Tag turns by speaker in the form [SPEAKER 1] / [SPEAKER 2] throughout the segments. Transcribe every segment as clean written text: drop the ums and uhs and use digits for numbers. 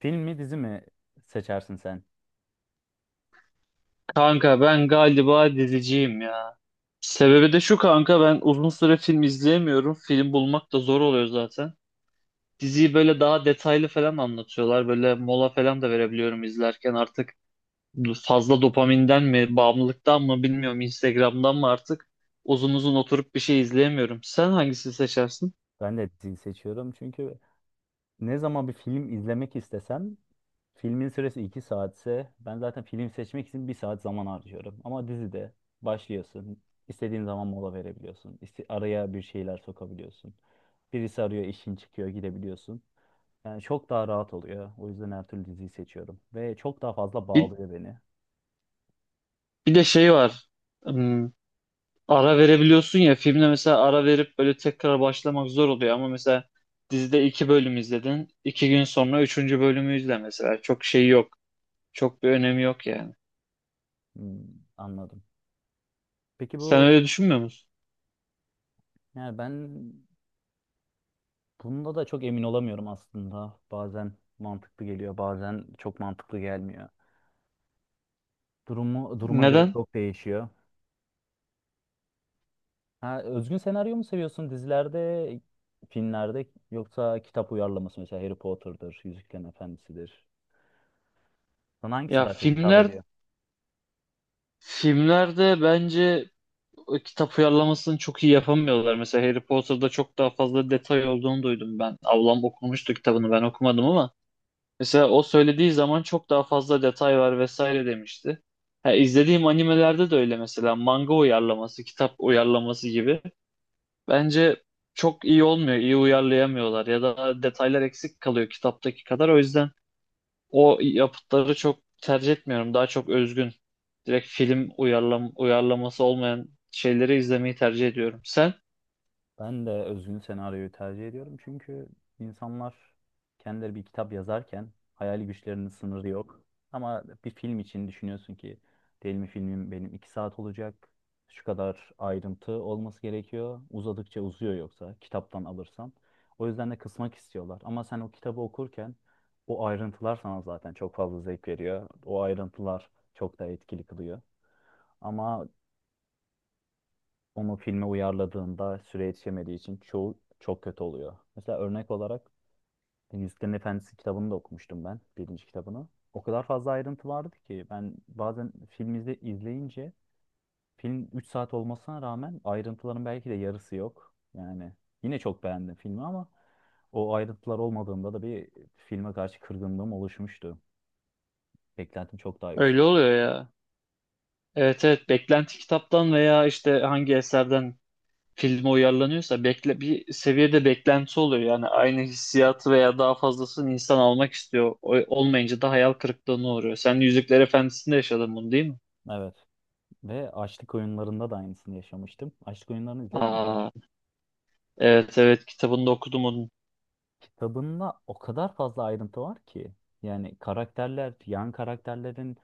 [SPEAKER 1] Film mi dizi mi seçersin sen?
[SPEAKER 2] Kanka ben galiba diziciyim ya. Sebebi de şu kanka ben uzun süre film izleyemiyorum. Film bulmak da zor oluyor zaten. Diziyi böyle daha detaylı falan anlatıyorlar. Böyle mola falan da verebiliyorum izlerken artık fazla dopaminden mi, bağımlılıktan mı bilmiyorum. Instagram'dan mı artık uzun uzun oturup bir şey izleyemiyorum. Sen hangisini seçersin?
[SPEAKER 1] Ben de dizi seçiyorum çünkü ne zaman bir film izlemek istesem filmin süresi 2 saatse ben zaten film seçmek için bir saat zaman harcıyorum. Ama dizide başlıyorsun. İstediğin zaman mola verebiliyorsun. Araya bir şeyler sokabiliyorsun. Birisi arıyor, işin çıkıyor, gidebiliyorsun. Yani çok daha rahat oluyor. O yüzden her türlü diziyi seçiyorum. Ve çok daha fazla
[SPEAKER 2] Bir,
[SPEAKER 1] bağlıyor beni.
[SPEAKER 2] bir de şey var. Hmm, ara verebiliyorsun ya filmde mesela ara verip böyle tekrar başlamak zor oluyor ama mesela dizide iki bölüm izledin. 2 gün sonra üçüncü bölümü izle mesela. Çok şey yok. Çok bir önemi yok yani.
[SPEAKER 1] Hmm, anladım. Peki
[SPEAKER 2] Sen
[SPEAKER 1] bu,
[SPEAKER 2] öyle düşünmüyor musun?
[SPEAKER 1] yani ben bunda da çok emin olamıyorum aslında. Bazen mantıklı geliyor, bazen çok mantıklı gelmiyor. Durumu duruma göre
[SPEAKER 2] Neden?
[SPEAKER 1] çok değişiyor. Ha, özgün senaryo mu seviyorsun dizilerde, filmlerde, yoksa kitap uyarlaması, mesela Harry Potter'dır, Yüzüklerin Efendisi'dir. Sana hangisi
[SPEAKER 2] Ya
[SPEAKER 1] daha çok hitap ediyor?
[SPEAKER 2] filmlerde bence o kitap uyarlamasını çok iyi yapamıyorlar. Mesela Harry Potter'da çok daha fazla detay olduğunu duydum ben. Ablam okumuştu kitabını ben okumadım ama mesela o söylediği zaman çok daha fazla detay var vesaire demişti. Ha, izlediğim animelerde de öyle mesela manga uyarlaması, kitap uyarlaması gibi. Bence çok iyi olmuyor, iyi uyarlayamıyorlar ya da detaylar eksik kalıyor kitaptaki kadar. O yüzden o yapıtları çok tercih etmiyorum. Daha çok özgün, direkt film uyarlaması olmayan şeyleri izlemeyi tercih ediyorum. Sen?
[SPEAKER 1] Ben de özgün senaryoyu tercih ediyorum çünkü insanlar kendileri bir kitap yazarken hayal güçlerinin sınırı yok. Ama bir film için düşünüyorsun ki, değil mi, filmim benim iki saat olacak, şu kadar ayrıntı olması gerekiyor. Uzadıkça uzuyor yoksa kitaptan alırsan. O yüzden de kısmak istiyorlar. Ama sen o kitabı okurken o ayrıntılar sana zaten çok fazla zevk veriyor. O ayrıntılar çok da etkili kılıyor. Ama onu filme uyarladığında süre yetişemediği için çoğu çok kötü oluyor. Mesela örnek olarak Yüzüklerin Efendisi kitabını da okumuştum ben, birinci kitabını. O kadar fazla ayrıntı vardı ki ben bazen izleyince, film 3 saat olmasına rağmen ayrıntıların belki de yarısı yok. Yani yine çok beğendim filmi ama o ayrıntılar olmadığında da bir filme karşı kırgınlığım oluşmuştu. Beklentim çok daha
[SPEAKER 2] Öyle
[SPEAKER 1] yüksek.
[SPEAKER 2] oluyor ya. Evet, evet, beklenti kitaptan veya işte hangi eserden filme uyarlanıyorsa bekle bir seviyede beklenti oluyor. Yani aynı hissiyatı veya daha fazlasını insan almak istiyor. Olmayınca da hayal kırıklığına uğruyor. Sen Yüzükler Efendisi'nde yaşadın bunu, değil mi?
[SPEAKER 1] Evet. Ve Açlık Oyunları'nda da aynısını yaşamıştım. Açlık Oyunları'nı izledin mi?
[SPEAKER 2] Aa, evet, evet, kitabını da okudum onun.
[SPEAKER 1] Kitabında o kadar fazla ayrıntı var ki. Yani karakterler, yan karakterlerin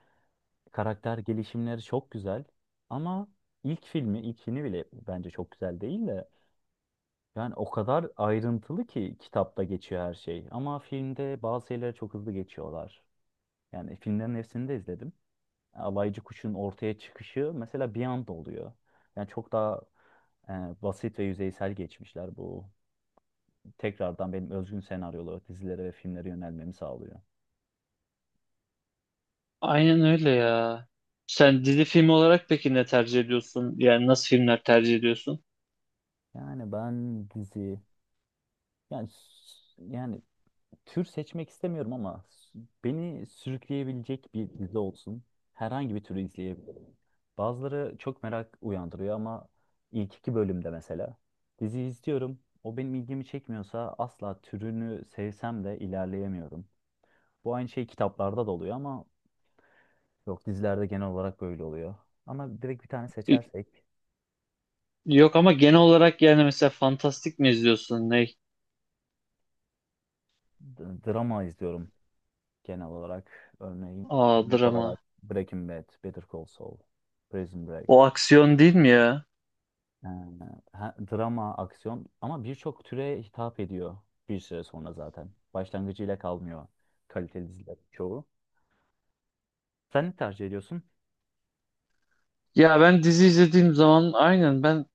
[SPEAKER 1] karakter gelişimleri çok güzel. Ama ilk filmi, ilkini bile bence çok güzel değil de. Yani o kadar ayrıntılı ki kitapta geçiyor her şey. Ama filmde bazı şeyleri çok hızlı geçiyorlar. Yani filmlerin hepsini de izledim. Alaycı Kuş'un ortaya çıkışı mesela bir anda oluyor. Yani çok daha e, basit ve yüzeysel geçmişler. Bu, tekrardan benim özgün senaryolu dizilere ve filmlere yönelmemi sağlıyor.
[SPEAKER 2] Aynen öyle ya. Sen dizi film olarak peki ne tercih ediyorsun? Yani nasıl filmler tercih ediyorsun?
[SPEAKER 1] Yani ben dizi yani s- yani tür seçmek istemiyorum ama beni sürükleyebilecek bir dizi olsun. Herhangi bir türü izleyebilirim. Bazıları çok merak uyandırıyor ama ilk iki bölümde mesela dizi izliyorum. O benim ilgimi çekmiyorsa asla, türünü sevsem de, ilerleyemiyorum. Bu aynı şey kitaplarda da oluyor ama yok, dizilerde genel olarak böyle oluyor. Ama direkt bir tane
[SPEAKER 2] Y-
[SPEAKER 1] seçersek
[SPEAKER 2] Yok ama genel olarak yani mesela fantastik mi izliyorsun? Ne?
[SPEAKER 1] drama izliyorum. Genel olarak örneğin,
[SPEAKER 2] Aa,
[SPEAKER 1] örnek
[SPEAKER 2] drama.
[SPEAKER 1] olarak Breaking Bad, Better Call Saul, Prison Break.
[SPEAKER 2] O aksiyon değil mi ya?
[SPEAKER 1] Ee, Drama, aksiyon, ama birçok türe hitap ediyor bir süre sonra zaten. Başlangıcıyla kalmıyor kaliteli diziler çoğu. Sen ne tercih ediyorsun?
[SPEAKER 2] Ya ben dizi izlediğim zaman aynen ben,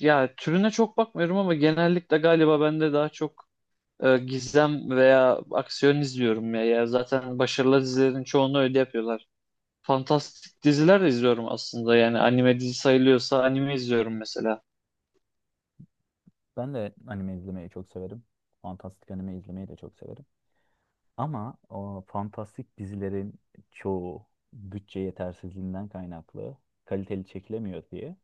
[SPEAKER 2] ya türüne çok bakmıyorum ama genellikle galiba ben de daha çok gizem veya aksiyon izliyorum ya. Ya zaten başarılı dizilerin çoğunu öyle yapıyorlar. Fantastik diziler de izliyorum aslında. Yani anime dizi sayılıyorsa anime izliyorum mesela.
[SPEAKER 1] Ben de anime izlemeyi çok severim. Fantastik anime izlemeyi de çok severim. Ama o fantastik dizilerin çoğu bütçe yetersizliğinden kaynaklı kaliteli çekilemiyor diye,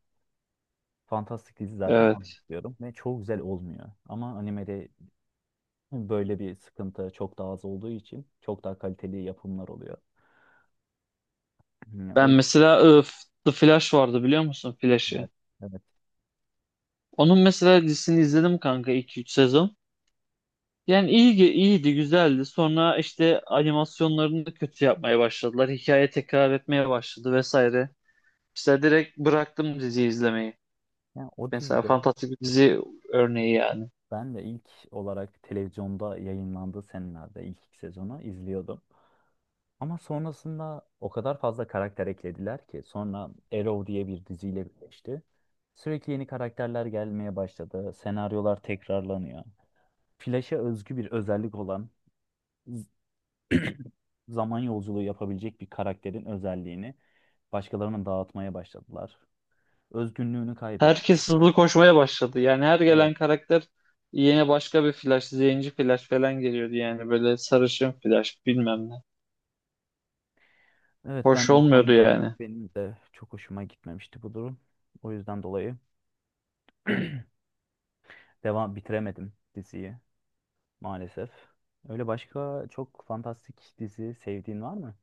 [SPEAKER 1] fantastik dizi zaten
[SPEAKER 2] Evet.
[SPEAKER 1] anlıyorum ve çok güzel olmuyor. Ama animede böyle bir sıkıntı çok daha az olduğu için çok daha kaliteli yapımlar oluyor. Yani o
[SPEAKER 2] Ben mesela The Flash vardı, biliyor musun Flash'ı?
[SPEAKER 1] evet, evet.
[SPEAKER 2] Onun mesela dizisini izledim kanka iki üç sezon. Yani iyi iyiydi, güzeldi. Sonra işte animasyonlarını da kötü yapmaya başladılar. Hikaye tekrar etmeye başladı vesaire. İşte direkt bıraktım diziyi izlemeyi.
[SPEAKER 1] Yani o
[SPEAKER 2] Mesela
[SPEAKER 1] dizide
[SPEAKER 2] fantastik bir dizi örneği yani.
[SPEAKER 1] ben de ilk olarak televizyonda yayınlandığı senelerde ilk iki sezonu izliyordum. Ama sonrasında o kadar fazla karakter eklediler ki sonra Arrow diye bir diziyle birleşti. Sürekli yeni karakterler gelmeye başladı. Senaryolar tekrarlanıyor. Flash'a özgü bir özellik olan z- zaman yolculuğu yapabilecek bir karakterin özelliğini başkalarına dağıtmaya başladılar. Özgünlüğünü kaybetti.
[SPEAKER 2] Herkes hızlı koşmaya başladı. Yani her
[SPEAKER 1] Evet.
[SPEAKER 2] gelen karakter yine başka bir Flash, zenci Flash falan geliyordu yani. Böyle sarışın Flash bilmem ne.
[SPEAKER 1] Evet,
[SPEAKER 2] Hoş
[SPEAKER 1] ben bu
[SPEAKER 2] olmuyordu
[SPEAKER 1] konuda,
[SPEAKER 2] yani.
[SPEAKER 1] benim de çok hoşuma gitmemişti bu durum. O yüzden dolayı bitiremedim diziyi maalesef. Öyle başka çok fantastik dizi sevdiğin var mı?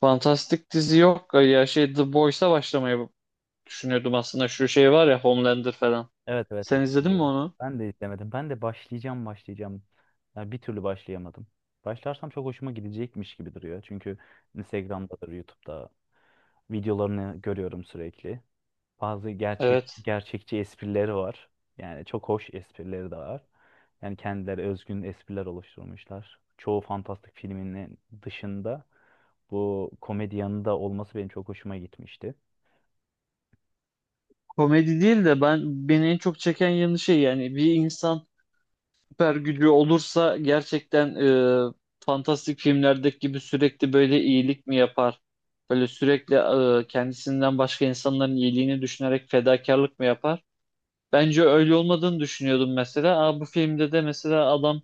[SPEAKER 2] Fantastik dizi yok. Ya şey, The Boys'a başlamayı düşünüyordum aslında. Şu şey var ya, Homelander falan.
[SPEAKER 1] Evet, evet,
[SPEAKER 2] Sen
[SPEAKER 1] evet,
[SPEAKER 2] izledin mi
[SPEAKER 1] biliyorum.
[SPEAKER 2] onu?
[SPEAKER 1] Ben de istemedim. Ben de başlayacağım, başlayacağım. Ya bir türlü başlayamadım. Başlarsam çok hoşuma gidecekmiş gibi duruyor. Çünkü Instagram'dadır, YouTube'da videolarını görüyorum sürekli. Bazı
[SPEAKER 2] Evet.
[SPEAKER 1] gerçekçi esprileri var. Yani çok hoş esprileri de var. Yani kendileri özgün espriler oluşturmuşlar. Çoğu fantastik filminin dışında bu komedi yanında olması benim çok hoşuma gitmişti.
[SPEAKER 2] Komedi değil de ben, beni en çok çeken yanı şey, yani bir insan süper gücü olursa gerçekten e, fantastik filmlerdeki gibi sürekli böyle iyilik mi yapar? Böyle sürekli kendisinden başka insanların iyiliğini düşünerek fedakarlık mı yapar? Bence öyle olmadığını düşünüyordum mesela. Aa, bu filmde de mesela adam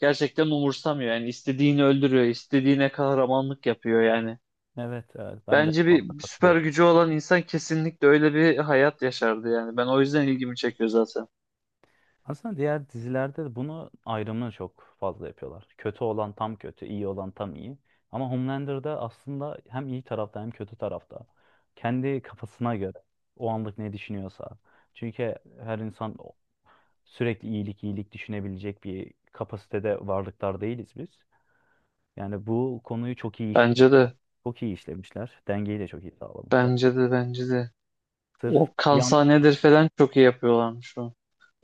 [SPEAKER 2] gerçekten umursamıyor. Yani istediğini öldürüyor, istediğine kahramanlık yapıyor yani.
[SPEAKER 1] Evet, evet, ben de bu
[SPEAKER 2] Bence bir,
[SPEAKER 1] konuda
[SPEAKER 2] bir süper
[SPEAKER 1] katılıyorum.
[SPEAKER 2] gücü olan insan kesinlikle öyle bir hayat yaşardı yani. Ben o yüzden ilgimi çekiyor zaten.
[SPEAKER 1] Aslında diğer dizilerde de bunu, ayrımını çok fazla yapıyorlar. Kötü olan tam kötü, iyi olan tam iyi. Ama Homelander'da aslında hem iyi tarafta hem kötü tarafta. Kendi kafasına göre o anlık ne düşünüyorsa. Çünkü her insan sürekli iyilik, iyilik düşünebilecek bir kapasitede varlıklar değiliz biz. Yani bu konuyu çok iyi
[SPEAKER 2] Bence
[SPEAKER 1] işlemişler.
[SPEAKER 2] de,
[SPEAKER 1] Çok iyi işlemişler. Dengeyi de çok iyi sağlamışlar.
[SPEAKER 2] bence de, bence de.
[SPEAKER 1] Sırf
[SPEAKER 2] O
[SPEAKER 1] bir anlık
[SPEAKER 2] kansanedir falan çok iyi yapıyorlarmış o.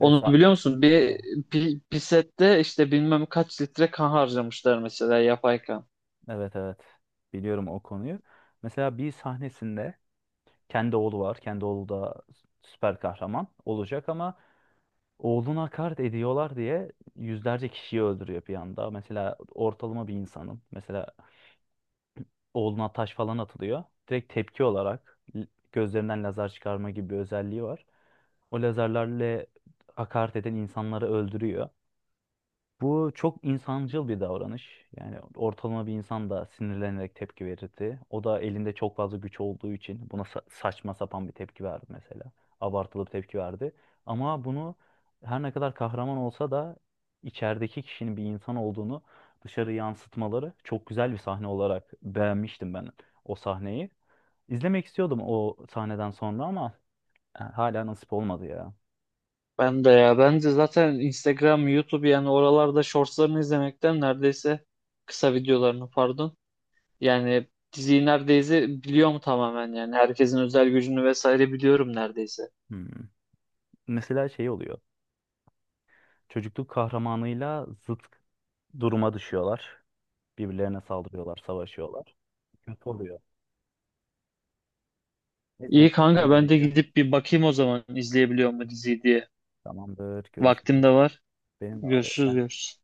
[SPEAKER 1] ve sa-
[SPEAKER 2] biliyor musun? Bir işte bilmem kaç litre kan harcamışlar mesela, yapay kan.
[SPEAKER 1] evet, evet. Biliyorum o konuyu. Mesela bir sahnesinde kendi oğlu var. Kendi oğlu da süper kahraman olacak ama oğluna hakaret ediyorlar diye yüzlerce kişiyi öldürüyor bir anda. Mesela ortalama bir insanın mesela oğluna taş falan atılıyor. Direkt tepki olarak gözlerinden lazer çıkarma gibi bir özelliği var. O lazerlerle hakaret eden insanları öldürüyor. Bu çok insancıl bir davranış. Yani ortalama bir insan da sinirlenerek tepki verirdi. O da elinde çok fazla güç olduğu için buna saçma sapan bir tepki verdi mesela. Abartılı bir tepki verdi. Ama bunu, her ne kadar kahraman olsa da, içerideki kişinin bir insan olduğunu dışarı yansıtmaları çok güzel bir sahne olarak beğenmiştim ben o sahneyi. İzlemek istiyordum o sahneden sonra ama hala nasip olmadı ya.
[SPEAKER 2] Ben de ya bence zaten Instagram, YouTube yani oralarda shortslarını izlemekten neredeyse, kısa videolarını pardon. Yani diziyi neredeyse biliyorum tamamen yani herkesin özel gücünü vesaire biliyorum neredeyse.
[SPEAKER 1] Hmm. Mesela şey oluyor. Çocukluk kahramanıyla zıt duruma düşüyorlar. Birbirlerine saldırıyorlar, savaşıyorlar. Kötü oluyor. Neyse, benim
[SPEAKER 2] İyi
[SPEAKER 1] kaçmam
[SPEAKER 2] kanka, ben de
[SPEAKER 1] gerekiyor.
[SPEAKER 2] gidip bir bakayım o zaman izleyebiliyor mu diziyi diye.
[SPEAKER 1] Tamamdır,
[SPEAKER 2] Vaktim
[SPEAKER 1] görüşürüz.
[SPEAKER 2] de var.
[SPEAKER 1] Benim de var ya.
[SPEAKER 2] Görüşürüz,
[SPEAKER 1] Ben
[SPEAKER 2] görüşürüz.